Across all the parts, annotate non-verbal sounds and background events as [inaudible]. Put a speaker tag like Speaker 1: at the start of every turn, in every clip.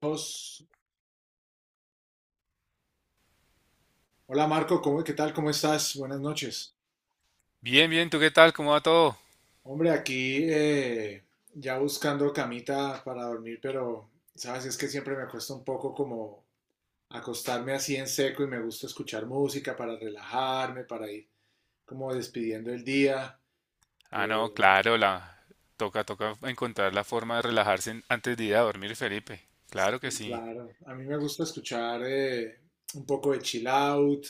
Speaker 1: Hola Marco, ¿cómo, qué tal? ¿Cómo estás? Buenas noches.
Speaker 2: Bien, bien, ¿tú qué tal? ¿Cómo va todo?
Speaker 1: Hombre, aquí ya buscando camita para dormir, pero sabes, es que siempre me cuesta un poco como acostarme así en seco y me gusta escuchar música para relajarme, para ir como despidiendo el día.
Speaker 2: Ah, no,
Speaker 1: Eh,
Speaker 2: claro, la toca encontrar la forma de relajarse antes de ir a dormir, Felipe. Claro que
Speaker 1: Y
Speaker 2: sí.
Speaker 1: claro, a mí me gusta escuchar un poco de chill out.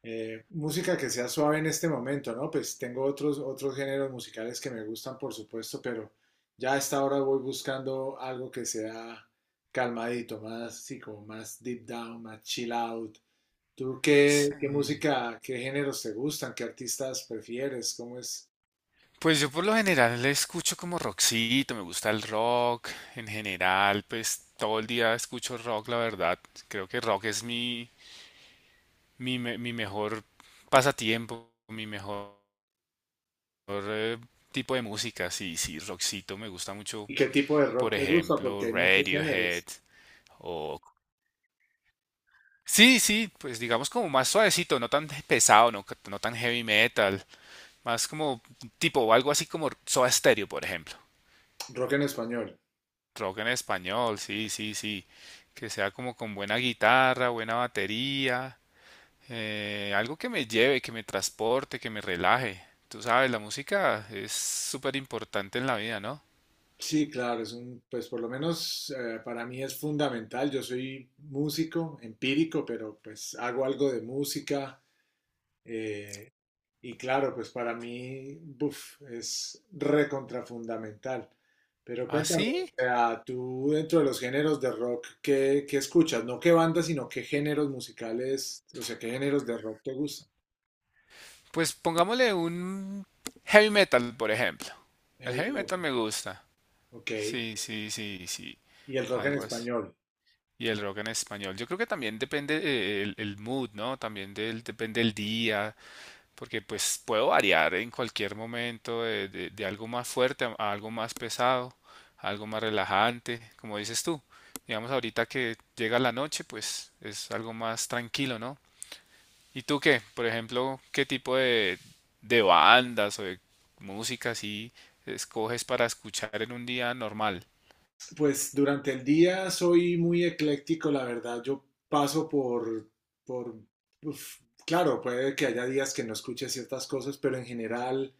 Speaker 1: Música que sea suave en este momento, ¿no? Pues tengo otros géneros musicales que me gustan, por supuesto, pero ya a esta hora voy buscando algo que sea calmadito, más así como más deep down, más chill out. ¿Tú qué
Speaker 2: Sí.
Speaker 1: música, qué géneros te gustan? ¿Qué artistas prefieres? ¿Cómo es?
Speaker 2: Pues yo por lo general le escucho como rockcito, me gusta el rock. En general, pues todo el día escucho rock, la verdad. Creo que rock es mi mejor pasatiempo, mi mejor eh, tipo de música. Sí, sí, rockcito me gusta mucho.
Speaker 1: ¿Y qué tipo de
Speaker 2: Por
Speaker 1: rock te gusta?
Speaker 2: ejemplo,
Speaker 1: Porque hay muchos
Speaker 2: Radiohead
Speaker 1: géneros.
Speaker 2: o Sí, sí, pues digamos como más suavecito, no tan pesado, no tan heavy metal, más como tipo algo así como Soda Stereo, por ejemplo.
Speaker 1: Rock en español.
Speaker 2: Rock en español, sí, sí, sí. Que sea como con buena guitarra, buena batería, algo que me lleve, que me transporte, que me relaje. Tú sabes, la música es súper importante en la vida, ¿no?
Speaker 1: Sí, claro, es un, pues por lo menos para mí es fundamental. Yo soy músico, empírico, pero pues hago algo de música. eh, y claro, pues para mí, buf, es recontrafundamental. Pero cuéntame, o
Speaker 2: Así,
Speaker 1: sea, tú dentro de los géneros de rock, ¿qué escuchas? No qué bandas, sino qué géneros musicales, o sea, qué géneros de rock te gustan.
Speaker 2: pues pongámosle un heavy metal, por ejemplo. El heavy
Speaker 1: Hey,
Speaker 2: metal me gusta.
Speaker 1: ok.
Speaker 2: Sí, sí, sí, sí.
Speaker 1: Y el rock en
Speaker 2: Algo así.
Speaker 1: español.
Speaker 2: Y el rock en español. Yo creo que también depende el mood, ¿no? También depende el día, porque pues puedo variar en cualquier momento de algo más fuerte a algo más pesado, a algo más relajante, como dices tú. Digamos ahorita que llega la noche, pues es algo más tranquilo, ¿no? ¿Y tú qué? Por ejemplo, ¿qué de bandas o de música así escoges para escuchar en un día normal?
Speaker 1: Pues durante el día soy muy ecléctico, la verdad. Yo paso por, uf, claro, puede que haya días que no escuche ciertas cosas, pero en general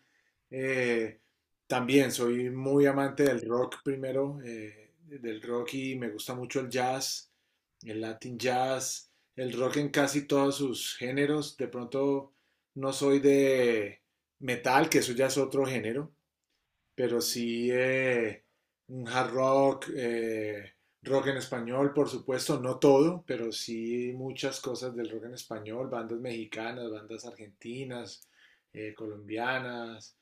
Speaker 1: eh, también soy muy amante del rock primero, del rock y me gusta mucho el jazz, el Latin jazz, el rock en casi todos sus géneros. De pronto no soy de metal, que eso ya es otro género pero sí un hard rock, rock en español, por supuesto, no todo, pero sí muchas cosas del rock en español, bandas mexicanas, bandas argentinas, colombianas,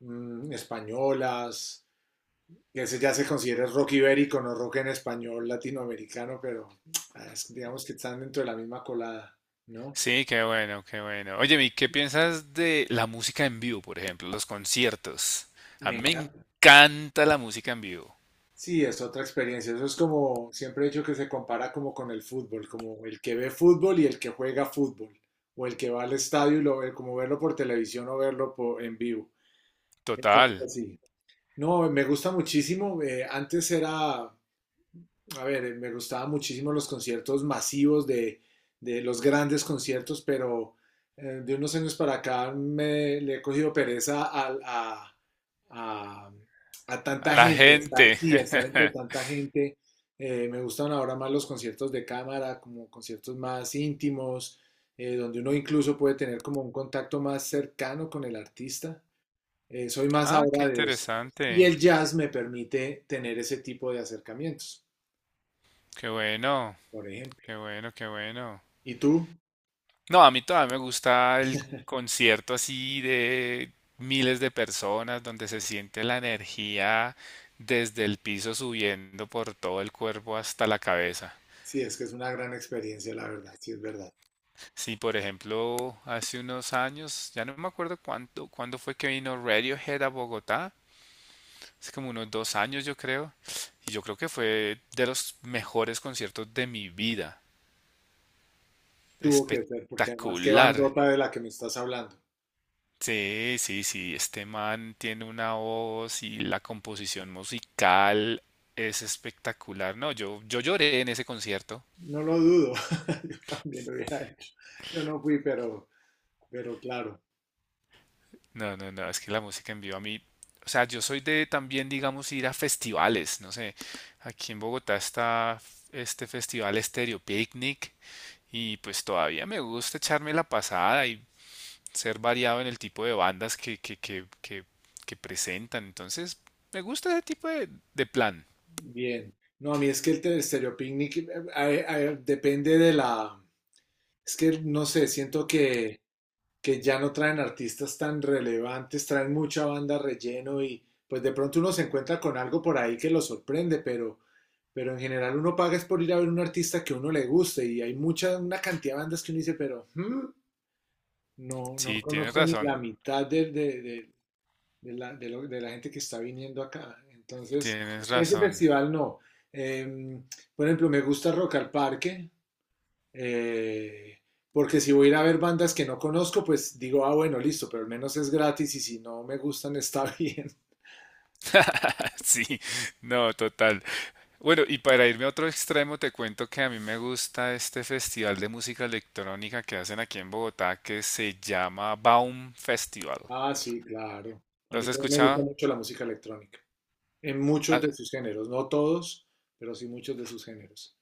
Speaker 1: españolas. Ese ya se considera rock ibérico, no rock en español latinoamericano, pero digamos que están dentro de la misma colada, ¿no?
Speaker 2: Sí, qué bueno, qué bueno. Oye, ¿y qué piensas de la música en vivo, por ejemplo, los conciertos? A
Speaker 1: Me
Speaker 2: mí me
Speaker 1: encanta.
Speaker 2: encanta la música en vivo.
Speaker 1: Sí, es otra experiencia. Eso es como, siempre he dicho que se compara como con el fútbol, como el que ve fútbol y el que juega fútbol, o el que va al estadio y lo ve, como verlo por televisión o verlo en vivo. Es algo
Speaker 2: Total.
Speaker 1: así. No, me gusta muchísimo. Antes era a ver, me gustaban muchísimo los conciertos masivos de los grandes conciertos, pero de unos años para acá le he cogido pereza a, a
Speaker 2: A
Speaker 1: tanta
Speaker 2: la
Speaker 1: gente, a
Speaker 2: gente.
Speaker 1: estar, sí, a estar entre
Speaker 2: [laughs]
Speaker 1: tanta gente. Me gustan ahora más los conciertos de cámara, como conciertos más íntimos, donde uno incluso puede tener como un contacto más cercano con el artista. Soy más
Speaker 2: Ah, qué
Speaker 1: ahora de eso. Y
Speaker 2: interesante.
Speaker 1: el jazz me permite tener ese tipo de acercamientos,
Speaker 2: Qué bueno,
Speaker 1: por ejemplo.
Speaker 2: qué bueno, qué bueno.
Speaker 1: ¿Y tú?
Speaker 2: No, a mí todavía me gusta el concierto así de miles de personas donde se siente la energía desde el piso subiendo por todo el cuerpo hasta la cabeza.
Speaker 1: Sí, es que es una gran experiencia, la verdad, sí es verdad.
Speaker 2: Sí, por ejemplo, hace unos años, ya no me acuerdo cuánto, cuándo fue que vino Radiohead a Bogotá, hace como unos dos años yo creo, y yo creo que fue de los mejores conciertos de mi vida,
Speaker 1: Tuvo que ser, porque además qué
Speaker 2: espectacular.
Speaker 1: bandota de la que me estás hablando.
Speaker 2: Sí, sí, sí, este man tiene una voz y la composición musical es espectacular. No, yo lloré en ese concierto.
Speaker 1: No lo dudo, [laughs] yo también lo hubiera hecho. Yo no fui, pero, claro,
Speaker 2: No, no, no, es que la música en vivo a mí, o sea, yo soy de también, digamos, ir a festivales, no sé, aquí en Bogotá está este festival Stereo Picnic y pues todavía me gusta echarme la pasada y ser variado en el tipo de bandas que presentan, entonces me gusta ese tipo de plan.
Speaker 1: bien. No, a mí es que el Picnic depende de la. Es que no sé, siento que ya no traen artistas tan relevantes, traen mucha banda relleno y pues de pronto uno se encuentra con algo por ahí que lo sorprende, pero en general uno paga es por ir a ver un artista que a uno le guste y hay mucha, una cantidad de bandas que uno dice, pero ¿hmm? No, no
Speaker 2: Sí, tienes
Speaker 1: conozco ni
Speaker 2: razón,
Speaker 1: la mitad de la, de la gente que está viniendo acá. Entonces,
Speaker 2: tienes
Speaker 1: ese
Speaker 2: razón.
Speaker 1: festival no. Em, por ejemplo, me gusta Rock al Parque, eh, porque si voy a ir a ver bandas que no conozco, pues digo, ah, bueno, listo, pero al menos es gratis y si no me gustan está bien. [laughs]
Speaker 2: [laughs] Sí, no, total. Bueno, y para irme a otro extremo, te cuento que a mí me gusta este festival de música electrónica que hacen aquí en Bogotá que se llama Baum Festival.
Speaker 1: Ah, sí, claro. A
Speaker 2: ¿Lo
Speaker 1: mí
Speaker 2: has
Speaker 1: también me gusta
Speaker 2: escuchado?
Speaker 1: mucho la música electrónica, en muchos
Speaker 2: Ah,
Speaker 1: de sus géneros, no todos, pero sí muchos de sus géneros.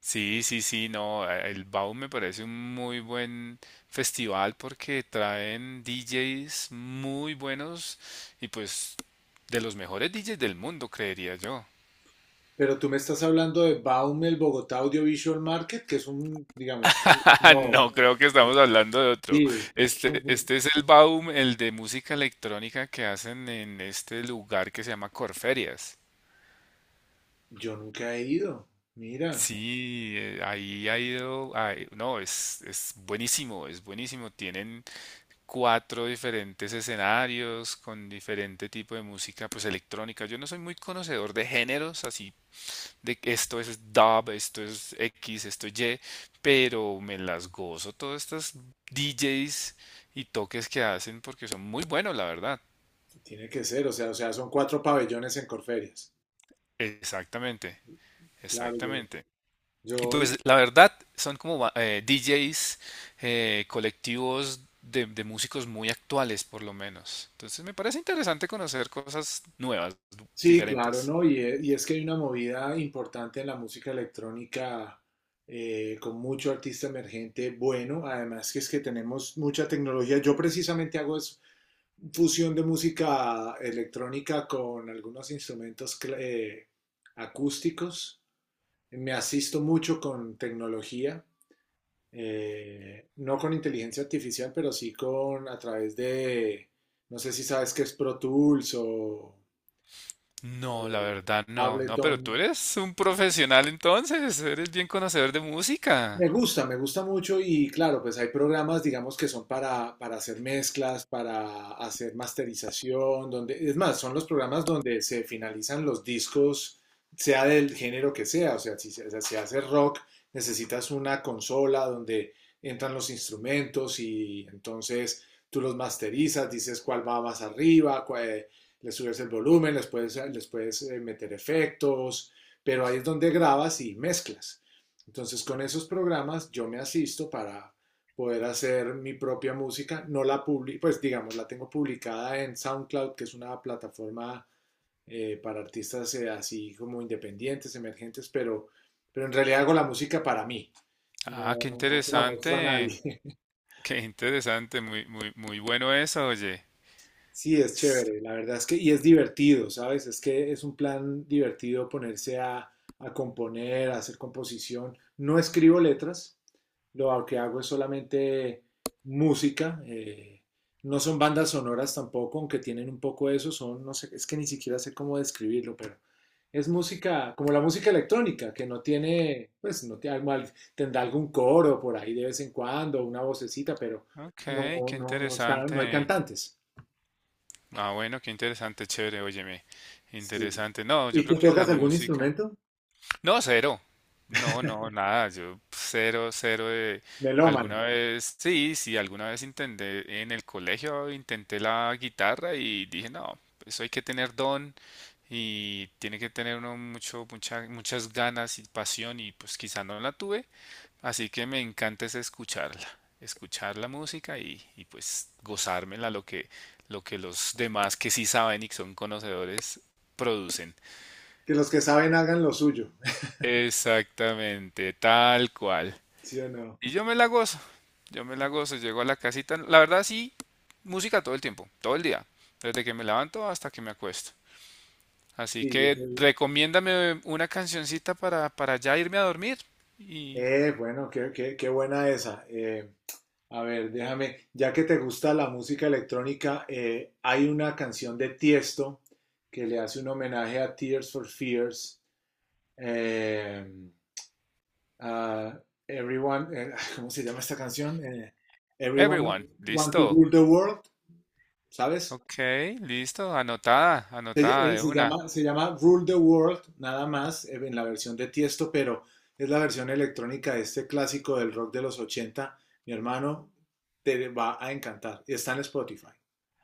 Speaker 2: sí, sí, sí, no, el Baum me parece un muy buen festival porque traen DJs muy buenos y pues de los mejores DJs del mundo, creería yo.
Speaker 1: Pero tú me estás hablando de Baumel Bogotá Audiovisual Market, que es un, digamos,
Speaker 2: [laughs]
Speaker 1: no,
Speaker 2: No, creo que estamos hablando de otro.
Speaker 1: sí,
Speaker 2: Este es el Baum, el de música electrónica que hacen en este lugar que se llama Corferias.
Speaker 1: yo nunca he ido. Mira,
Speaker 2: Sí, ahí ha ido, ay, no, es buenísimo, es buenísimo. Tienen cuatro diferentes escenarios con diferente tipo de música, pues electrónica. Yo no soy muy conocedor de géneros así de que esto es dub, esto es X, esto es Y, pero me las gozo todas estas DJs y toques que hacen porque son muy buenos, la verdad.
Speaker 1: tiene que ser, o sea, son cuatro pabellones en Corferias.
Speaker 2: Exactamente,
Speaker 1: Claro, yo,
Speaker 2: exactamente. Y
Speaker 1: yo
Speaker 2: pues la verdad son como DJs colectivos de músicos muy actuales, por lo menos. Entonces me parece interesante conocer cosas nuevas,
Speaker 1: Sí, claro,
Speaker 2: diferentes.
Speaker 1: ¿no? Y es que hay una movida importante en la música electrónica con mucho artista emergente bueno, además que es que tenemos mucha tecnología. Yo precisamente hago es fusión de música electrónica con algunos instrumentos acústicos. Me asisto mucho con tecnología, no con inteligencia artificial, pero sí con a través de, no sé si sabes qué es Pro Tools o
Speaker 2: No, la verdad no, no,
Speaker 1: Ableton.
Speaker 2: pero tú eres un profesional entonces, eres bien conocedor de música.
Speaker 1: Me gusta mucho y claro, pues hay programas, digamos, que son para hacer mezclas, para hacer masterización, donde, es más, son los programas donde se finalizan los discos, sea del género que sea, o sea, si se hace rock, necesitas una consola donde entran los instrumentos y entonces tú los masterizas, dices cuál va más arriba, le subes el volumen, les puedes meter efectos, pero ahí es donde grabas y mezclas. Entonces, con esos programas yo me asisto para poder hacer mi propia música. No la publico, pues digamos, la tengo publicada en SoundCloud, que es una plataforma para artistas así como independientes, emergentes, pero, en realidad hago la música para mí.
Speaker 2: Ah,
Speaker 1: No, no se la muestro a nadie.
Speaker 2: qué interesante, muy, muy, muy bueno eso, oye.
Speaker 1: Sí, es
Speaker 2: S-
Speaker 1: chévere, la verdad es que, y es divertido, ¿sabes? Es que es un plan divertido ponerse a componer, a hacer composición. No escribo letras, lo que hago es solamente música, no son bandas sonoras tampoco, aunque tienen un poco eso, son, no sé, es que ni siquiera sé cómo describirlo, pero es música, como la música electrónica, que no tiene, pues, no tiene, tendrá algún coro por ahí de vez en cuando, una vocecita, pero
Speaker 2: Ok,
Speaker 1: no,
Speaker 2: qué
Speaker 1: no, no está, no hay
Speaker 2: interesante.
Speaker 1: cantantes.
Speaker 2: Ah, bueno, qué interesante, chévere, óyeme.
Speaker 1: Sí.
Speaker 2: Interesante. No, yo
Speaker 1: ¿Y tú
Speaker 2: creo que la
Speaker 1: tocas algún
Speaker 2: música.
Speaker 1: instrumento?
Speaker 2: No, cero. No, no, nada. Yo cero, cero de...
Speaker 1: Melómano.
Speaker 2: Alguna vez, sí, sí, alguna vez intenté en el colegio, intenté la guitarra y dije, no, eso hay que tener don y tiene que tener uno mucho, muchas ganas y pasión y pues quizá no la tuve. Así que me encanta es escucharla, escuchar la música y pues gozármela lo que los demás que sí saben y que son conocedores producen.
Speaker 1: Que los que saben hagan lo suyo. [laughs]
Speaker 2: Exactamente, tal cual.
Speaker 1: ¿Sí o no?
Speaker 2: Y yo me la gozo, yo me la gozo, llego a la casita, la verdad sí, música todo el tiempo, todo el día, desde que me levanto hasta que me acuesto. Así
Speaker 1: Sí, yo
Speaker 2: que
Speaker 1: soy.
Speaker 2: recomiéndame una cancioncita para ya irme a dormir. Y...
Speaker 1: Bueno, qué buena esa. A ver, déjame, ya que te gusta la música electrónica, hay una canción de Tiesto que le hace un homenaje a Tears for Fears. eh, a [laughs] ¿cómo se llama esta canción? Everyone
Speaker 2: Everyone,
Speaker 1: Want to
Speaker 2: listo.
Speaker 1: Rule the World, ¿sabes?
Speaker 2: Ok, listo, anotada,
Speaker 1: Se,
Speaker 2: anotada
Speaker 1: eh,
Speaker 2: de
Speaker 1: se
Speaker 2: una.
Speaker 1: llama, se llama Rule the World, nada más, en la versión de Tiesto, pero es la versión electrónica de este clásico del rock de los ochenta. Mi hermano, te va a encantar. Está en Spotify.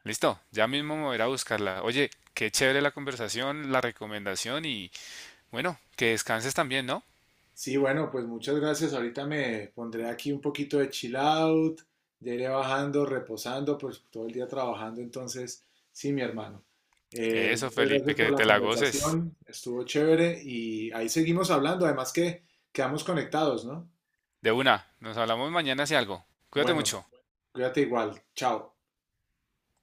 Speaker 2: Listo, ya mismo me voy a ir a buscarla. Oye, qué chévere la conversación, la recomendación y bueno, que descanses también, ¿no?
Speaker 1: Sí, bueno, pues muchas gracias. Ahorita me pondré aquí un poquito de chill out. Ya iré bajando, reposando, pues todo el día trabajando. Entonces, sí, mi hermano. Eh,
Speaker 2: Eso,
Speaker 1: muchas
Speaker 2: Felipe,
Speaker 1: gracias por
Speaker 2: que
Speaker 1: la
Speaker 2: te la goces.
Speaker 1: conversación. Estuvo chévere y ahí seguimos hablando. Además que quedamos conectados, ¿no?
Speaker 2: De una, nos hablamos mañana si algo. Cuídate
Speaker 1: Bueno,
Speaker 2: mucho.
Speaker 1: cuídate igual. Chao.